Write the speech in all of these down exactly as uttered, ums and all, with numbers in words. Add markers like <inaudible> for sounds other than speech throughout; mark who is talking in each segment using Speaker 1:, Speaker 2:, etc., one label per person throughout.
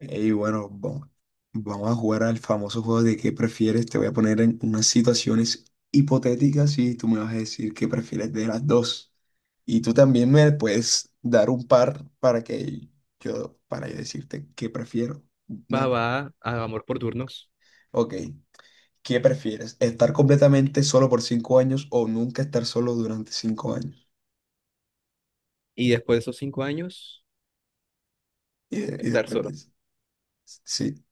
Speaker 1: Y bueno, vamos, vamos a jugar al famoso juego de qué prefieres. Te voy a poner en unas situaciones hipotéticas y tú me vas a decir qué prefieres de las dos. Y tú también me puedes dar un par para que yo, para yo decirte qué prefiero.
Speaker 2: Va,
Speaker 1: Dale.
Speaker 2: va, a amor por turnos.
Speaker 1: Ok, ¿qué prefieres? ¿Estar completamente solo por cinco años o nunca estar solo durante cinco años?
Speaker 2: Y después de esos cinco años,
Speaker 1: Y, y
Speaker 2: estar
Speaker 1: después
Speaker 2: solo.
Speaker 1: dices, sí,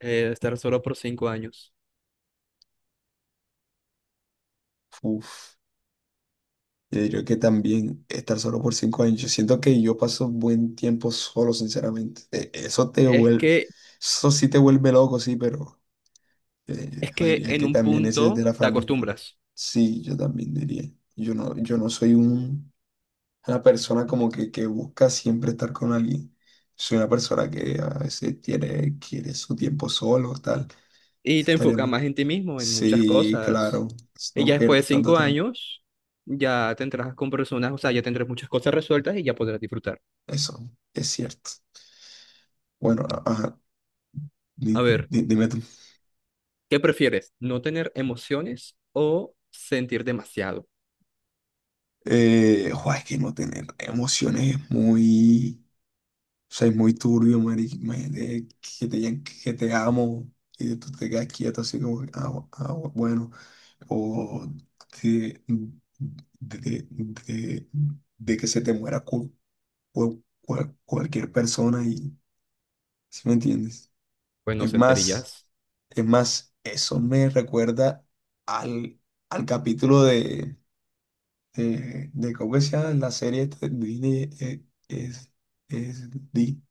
Speaker 2: Eh, estar solo por cinco años.
Speaker 1: uff. Yo diría que también estar solo por cinco años. Yo siento que yo paso buen tiempo solo, sinceramente. Eh, Eso te
Speaker 2: Es
Speaker 1: vuelve,
Speaker 2: que,
Speaker 1: eso sí te vuelve loco, sí, pero eh,
Speaker 2: es
Speaker 1: yo
Speaker 2: que
Speaker 1: diría
Speaker 2: en
Speaker 1: que
Speaker 2: un
Speaker 1: también ese es de
Speaker 2: punto
Speaker 1: la
Speaker 2: te
Speaker 1: familia.
Speaker 2: acostumbras
Speaker 1: Sí, yo también diría. Yo no, yo no soy un- una persona como que, que busca siempre estar con alguien. Soy una persona que a veces tiene, quiere su tiempo solo, tal.
Speaker 2: y te
Speaker 1: Estaría
Speaker 2: enfocas más
Speaker 1: mal.
Speaker 2: en ti mismo, en muchas
Speaker 1: Sí,
Speaker 2: cosas.
Speaker 1: claro,
Speaker 2: Y ya
Speaker 1: no
Speaker 2: después
Speaker 1: pierdo
Speaker 2: de
Speaker 1: tanto
Speaker 2: cinco
Speaker 1: tiempo.
Speaker 2: años, ya tendrás con personas, o sea, ya tendrás muchas cosas resueltas y ya podrás disfrutar.
Speaker 1: Eso es cierto. Bueno, a- ajá.
Speaker 2: A
Speaker 1: Di-
Speaker 2: ver,
Speaker 1: di- Dime tú.
Speaker 2: ¿qué prefieres? ¿No tener emociones o sentir demasiado?
Speaker 1: Eh, jo, es que no tener emociones es muy, o sea, es muy turbio, marica. Imagínate que te digan que te amo y tú te quedas quieto así como, que, ah, bu- ah, bu- bueno, o de, de, de- de que se te muera cu- cu- cual- cualquier persona y, ¿sí me entiendes?
Speaker 2: Pues no
Speaker 1: Es más,
Speaker 2: sentirías
Speaker 1: es más, eso me recuerda al, al capítulo eh, de cómo se llama la serie esta de Disney, eh, es, es Di-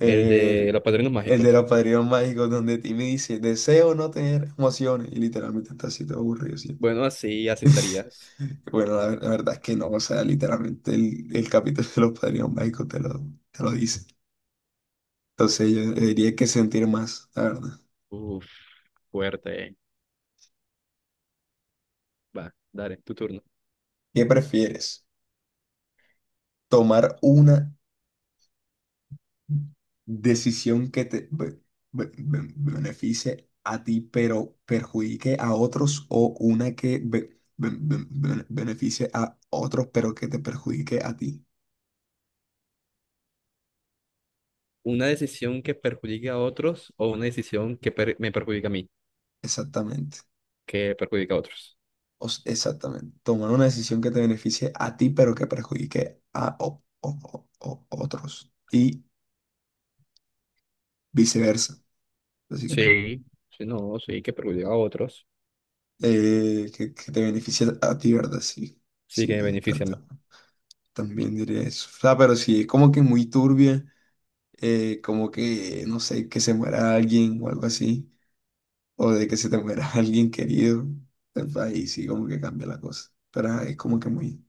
Speaker 2: el de los padrinos
Speaker 1: el de
Speaker 2: mágicos.
Speaker 1: los padrinos mágicos, donde Timmy dice deseo no tener emociones, y literalmente está así todo aburrido siempre.
Speaker 2: Bueno, así, así
Speaker 1: <laughs>
Speaker 2: estarías.
Speaker 1: Bueno, la, ver- la verdad es que no, o sea, literalmente el, el capítulo de los padrinos mágicos te lo, te lo dice. Entonces yo diría que sentir más, la verdad.
Speaker 2: Uf, fuerte. Va, dale, tu turno.
Speaker 1: ¿Qué prefieres? ¿Tomar una decisión que te be- be- be- beneficie a ti, pero perjudique a otros, o una que be- be- be- bene- beneficie a otros, pero que te perjudique a ti?
Speaker 2: Una decisión que perjudique a otros o una decisión que per- me perjudica a mí,
Speaker 1: Exactamente.
Speaker 2: que perjudica a otros.
Speaker 1: O s- exactamente. Tomar una decisión que te beneficie a ti, pero que perjudique a o- o- o- o- otros. Y viceversa, básicamente.
Speaker 2: Sí, sí, no, sí, que perjudica a otros.
Speaker 1: Eh, que, que te beneficie a ti, ¿verdad? Sí.
Speaker 2: Sí, que
Speaker 1: Sí,
Speaker 2: me
Speaker 1: yo ta-
Speaker 2: beneficia a mí.
Speaker 1: ta- también diría eso. O sea, pero sí, es como que muy turbia. Eh, como que, no sé, que se muera alguien o algo así, o de que se te muera <laughs> alguien querido, entonces ahí sí como que cambia la cosa, pero ajá, es como que muy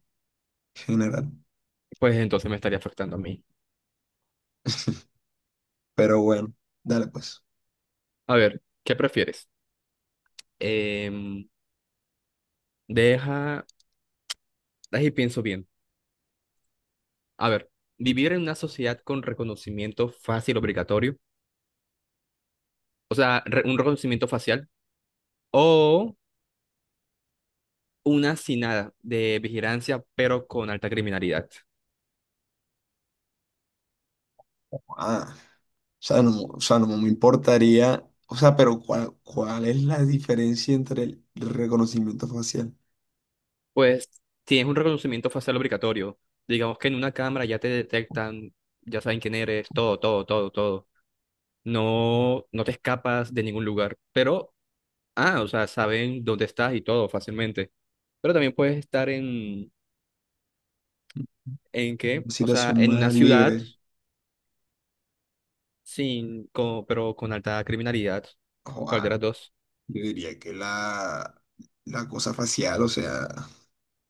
Speaker 1: general,
Speaker 2: Pues entonces me estaría afectando a mí.
Speaker 1: pero bueno, dale pues,
Speaker 2: A ver, ¿qué prefieres? Em, deja, ahí pienso bien. A ver, vivir en una sociedad con reconocimiento fácil obligatorio, o sea, re- un reconocimiento facial, o una sin nada de vigilancia, pero con alta criminalidad.
Speaker 1: ah, o sea, no, o sea, no me importaría, o sea, pero ¿cuál, cuál es la diferencia entre el reconocimiento facial?
Speaker 2: Pues tienes un reconocimiento facial obligatorio. Digamos que en una cámara ya te detectan, ya saben quién eres, todo, todo, todo, todo. No, no te escapas de ningún lugar. Pero, ah, o sea, saben dónde estás y todo fácilmente. Pero también puedes estar en, ¿en qué?
Speaker 1: Una
Speaker 2: O sea,
Speaker 1: situación
Speaker 2: en una
Speaker 1: más
Speaker 2: ciudad
Speaker 1: libre,
Speaker 2: sin, con pero con alta criminalidad. ¿Cuál de
Speaker 1: o
Speaker 2: las dos?
Speaker 1: yo diría que la, la cosa facial, o sea...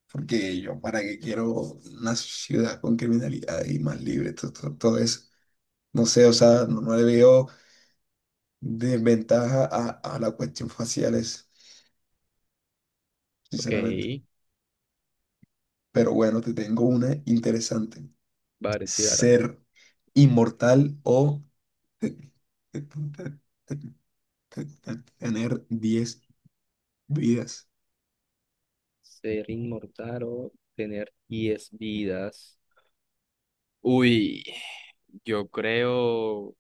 Speaker 1: Porque yo, ¿para qué quiero una ciudad con criminalidad y más libre? Todo, todo, todo eso. No sé, o sea, no, no le veo desventaja a, a la cuestión faciales,
Speaker 2: Ok,
Speaker 1: sinceramente. Pero bueno, te tengo una interesante.
Speaker 2: vale, tirar.
Speaker 1: ¿Ser inmortal o te- te- te- te- te- te- tener diez vidas?
Speaker 2: Ser inmortal o tener diez vidas. Uy. Yo creo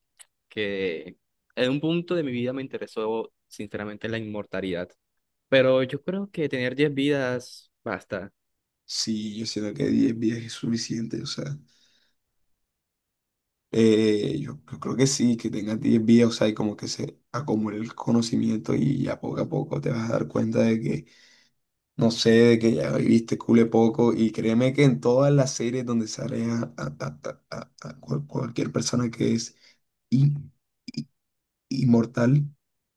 Speaker 2: que en un punto de mi vida me interesó sinceramente la inmortalidad. Pero yo creo que tener diez vidas basta.
Speaker 1: Sí, yo siento que diez vidas es suficiente, o sea. Eh, yo, yo creo que sí, que tengas diez vías, o sea, y como que se acumule el conocimiento, y ya poco a poco te vas a dar cuenta de que, no sé, de que ya viviste cule poco. Y créeme que en todas las series donde sale a, a- a- a- a- a cual- cualquier persona que es in- i- inmortal,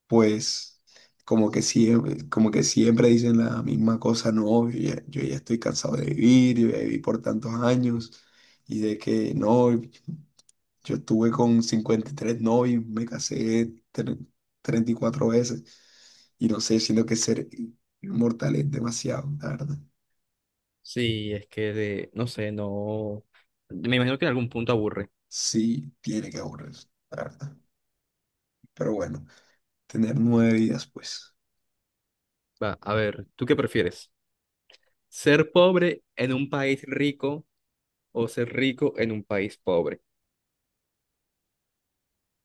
Speaker 1: pues como que siempre, como que siempre dicen la misma cosa, no, yo ya, yo ya estoy cansado de vivir, yo ya viví por tantos años y de que no. Yo estuve con cincuenta y tres novios, me casé tre- treinta y cuatro veces y no sé, siento que ser inmortal es demasiado, la verdad.
Speaker 2: Sí, es que de, no sé, no. Me imagino que en algún punto aburre.
Speaker 1: Sí, tiene que aburrir, la verdad. Pero bueno, tener nueve vidas, pues,
Speaker 2: Va, a ver, ¿tú qué prefieres? ¿Ser pobre en un país rico o ser rico en un país pobre?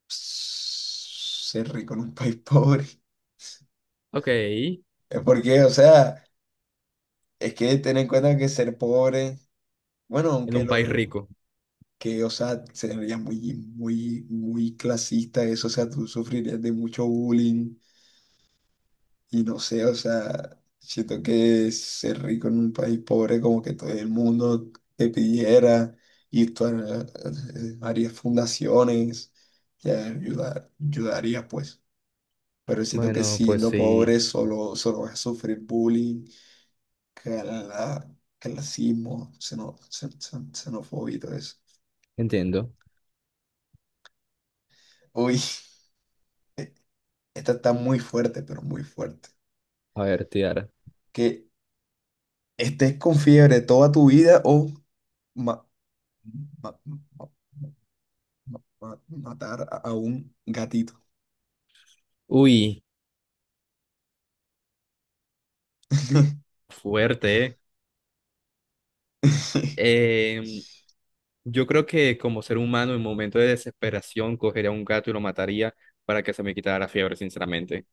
Speaker 1: ser rico en un <laughs> país pobre.
Speaker 2: Ok, en
Speaker 1: Es porque, o sea, es que ten en cuenta que ser pobre, bueno, aunque
Speaker 2: un país
Speaker 1: lo
Speaker 2: rico.
Speaker 1: que, o sea, sería muy, muy, muy clasista eso, o sea, tú sufrirías de mucho bullying. Y no sé, o sea, siento que ser rico en un país pobre, como que todo el mundo te pidiera, y tú har- eh, harías fundaciones que ayudar, ayudaría, pues. Pero siento que
Speaker 2: Bueno, pues
Speaker 1: siendo
Speaker 2: sí,
Speaker 1: pobre, solo, solo vas a sufrir bullying, cala- clasismo, xeno- xen- xen- xenofobia y todo eso.
Speaker 2: entiendo.
Speaker 1: Uy, <laughs> esta está muy fuerte, pero muy fuerte.
Speaker 2: A ver, Tiara.
Speaker 1: Que estés con fiebre toda tu vida o... ma- ma- ma- ma- matar a un gatito.
Speaker 2: Uy,
Speaker 1: <laughs>
Speaker 2: fuerte, ¿eh? Em, Yo creo que como ser humano en momento de desesperación cogería a un gato y lo mataría para que se me quitara la fiebre, sinceramente.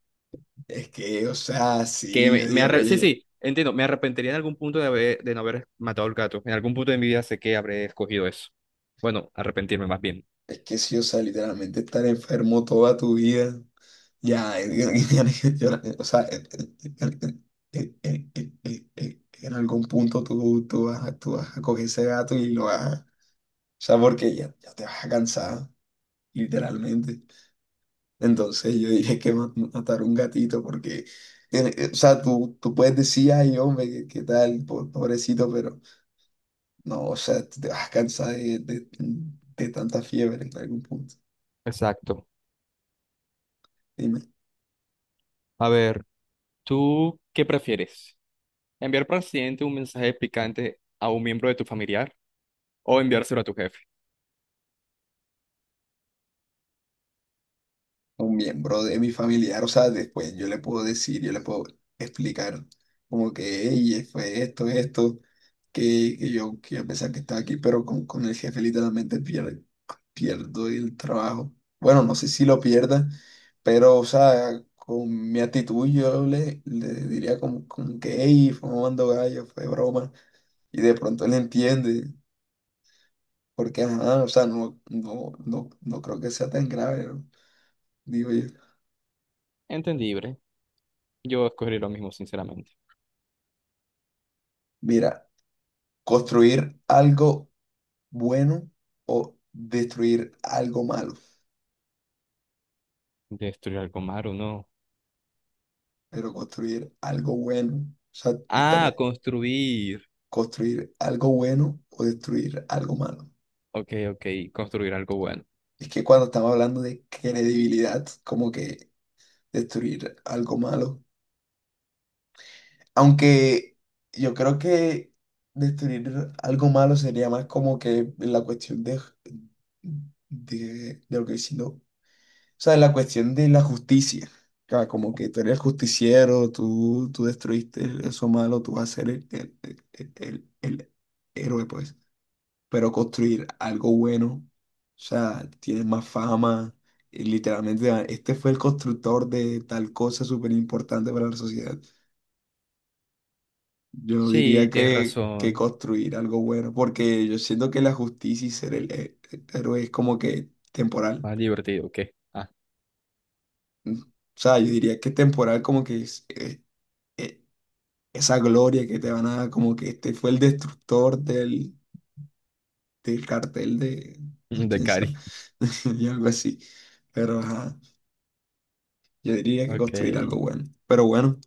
Speaker 1: Es que, o sea,
Speaker 2: Que
Speaker 1: sí, yo
Speaker 2: me, me
Speaker 1: digo,
Speaker 2: arre- sí,
Speaker 1: oye,
Speaker 2: sí, entiendo, me arrepentiría en algún punto de haber, de no haber matado al gato. En algún punto de mi vida sé que habré escogido eso. Bueno, arrepentirme más bien.
Speaker 1: es que sí, o sea, literalmente estar enfermo toda tu vida. Ya, <laughs> yo- o sea, en algún punto, tú, tú vas, a- tú vas a coger ese gato y lo vas a, o sea, porque ya, ya te vas a cansar, literalmente. Entonces yo dije que ma- matar un gatito porque, eh, eh, o sea, tú, tú puedes decir, ay, hombre, qué, qué tal, po- pobrecito, pero no, o sea, tú te vas a de, de- de tanta fiebre en algún punto.
Speaker 2: Exacto.
Speaker 1: Dime,
Speaker 2: A ver, ¿tú qué prefieres? ¿Enviar por accidente un mensaje picante a un miembro de tu familiar o enviárselo a tu jefe?
Speaker 1: un miembro de mi familiar, o sea, después yo le puedo decir, yo le puedo explicar como que, "Ey, fue esto, esto, que, que yo, que a pesar que estaba aquí", pero con, con el jefe literalmente pier- pierdo el trabajo. Bueno, no sé si lo pierda, pero, o sea, con mi actitud yo le, le diría como, como que, hey, fue mamando gallo, fue broma, y de pronto él entiende. Porque, ajá, o sea, no, no, no, no creo que sea tan grave, ¿no? Digo yo.
Speaker 2: Entendible. Yo escogería lo mismo, sinceramente.
Speaker 1: Mira, construir algo bueno o destruir algo malo.
Speaker 2: Destruir algo malo, no.
Speaker 1: Pero construir algo bueno, o sea,
Speaker 2: Ah,
Speaker 1: estaría
Speaker 2: construir.
Speaker 1: construir algo bueno o destruir algo malo.
Speaker 2: Ok, ok, construir algo bueno.
Speaker 1: Es que cuando estamos hablando de credibilidad, como que destruir algo malo. Aunque yo creo que destruir algo malo sería más como que la cuestión de, de, de lo que si no- o sea, la cuestión de la justicia. Ca- Como que tú eres justiciero, tú, tú destruiste eso malo, tú vas a ser el, el, el- el- el héroe, pues. Pero construir algo bueno, o sea, tienes más fama, y literalmente, ah, este fue el constructor de tal cosa súper importante para la sociedad. Yo no
Speaker 2: Sí,
Speaker 1: diría
Speaker 2: tienes
Speaker 1: que, que
Speaker 2: razón.
Speaker 1: construir algo bueno, porque yo siento que la justicia y ser el, he- el héroe es como que temporal.
Speaker 2: Más divertido que. Ah,
Speaker 1: Mm. O sea, yo diría que temporal como que es eh, eh, esa gloria que te van a dar, como que este fue el destructor del, del cartel de,
Speaker 2: <laughs>
Speaker 1: no,
Speaker 2: de
Speaker 1: quién sabe,
Speaker 2: Cari.
Speaker 1: <laughs> y algo así. Pero ajá, yo diría que
Speaker 2: Ok,
Speaker 1: construir algo
Speaker 2: está
Speaker 1: bueno. Pero bueno,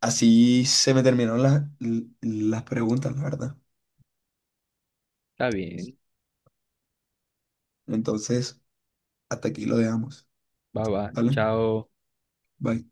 Speaker 1: así se me terminaron las, las preguntas, la verdad.
Speaker 2: bien.
Speaker 1: Entonces, hasta aquí lo dejamos.
Speaker 2: Bye bye.
Speaker 1: ¿Vale?
Speaker 2: Chao.
Speaker 1: Bye.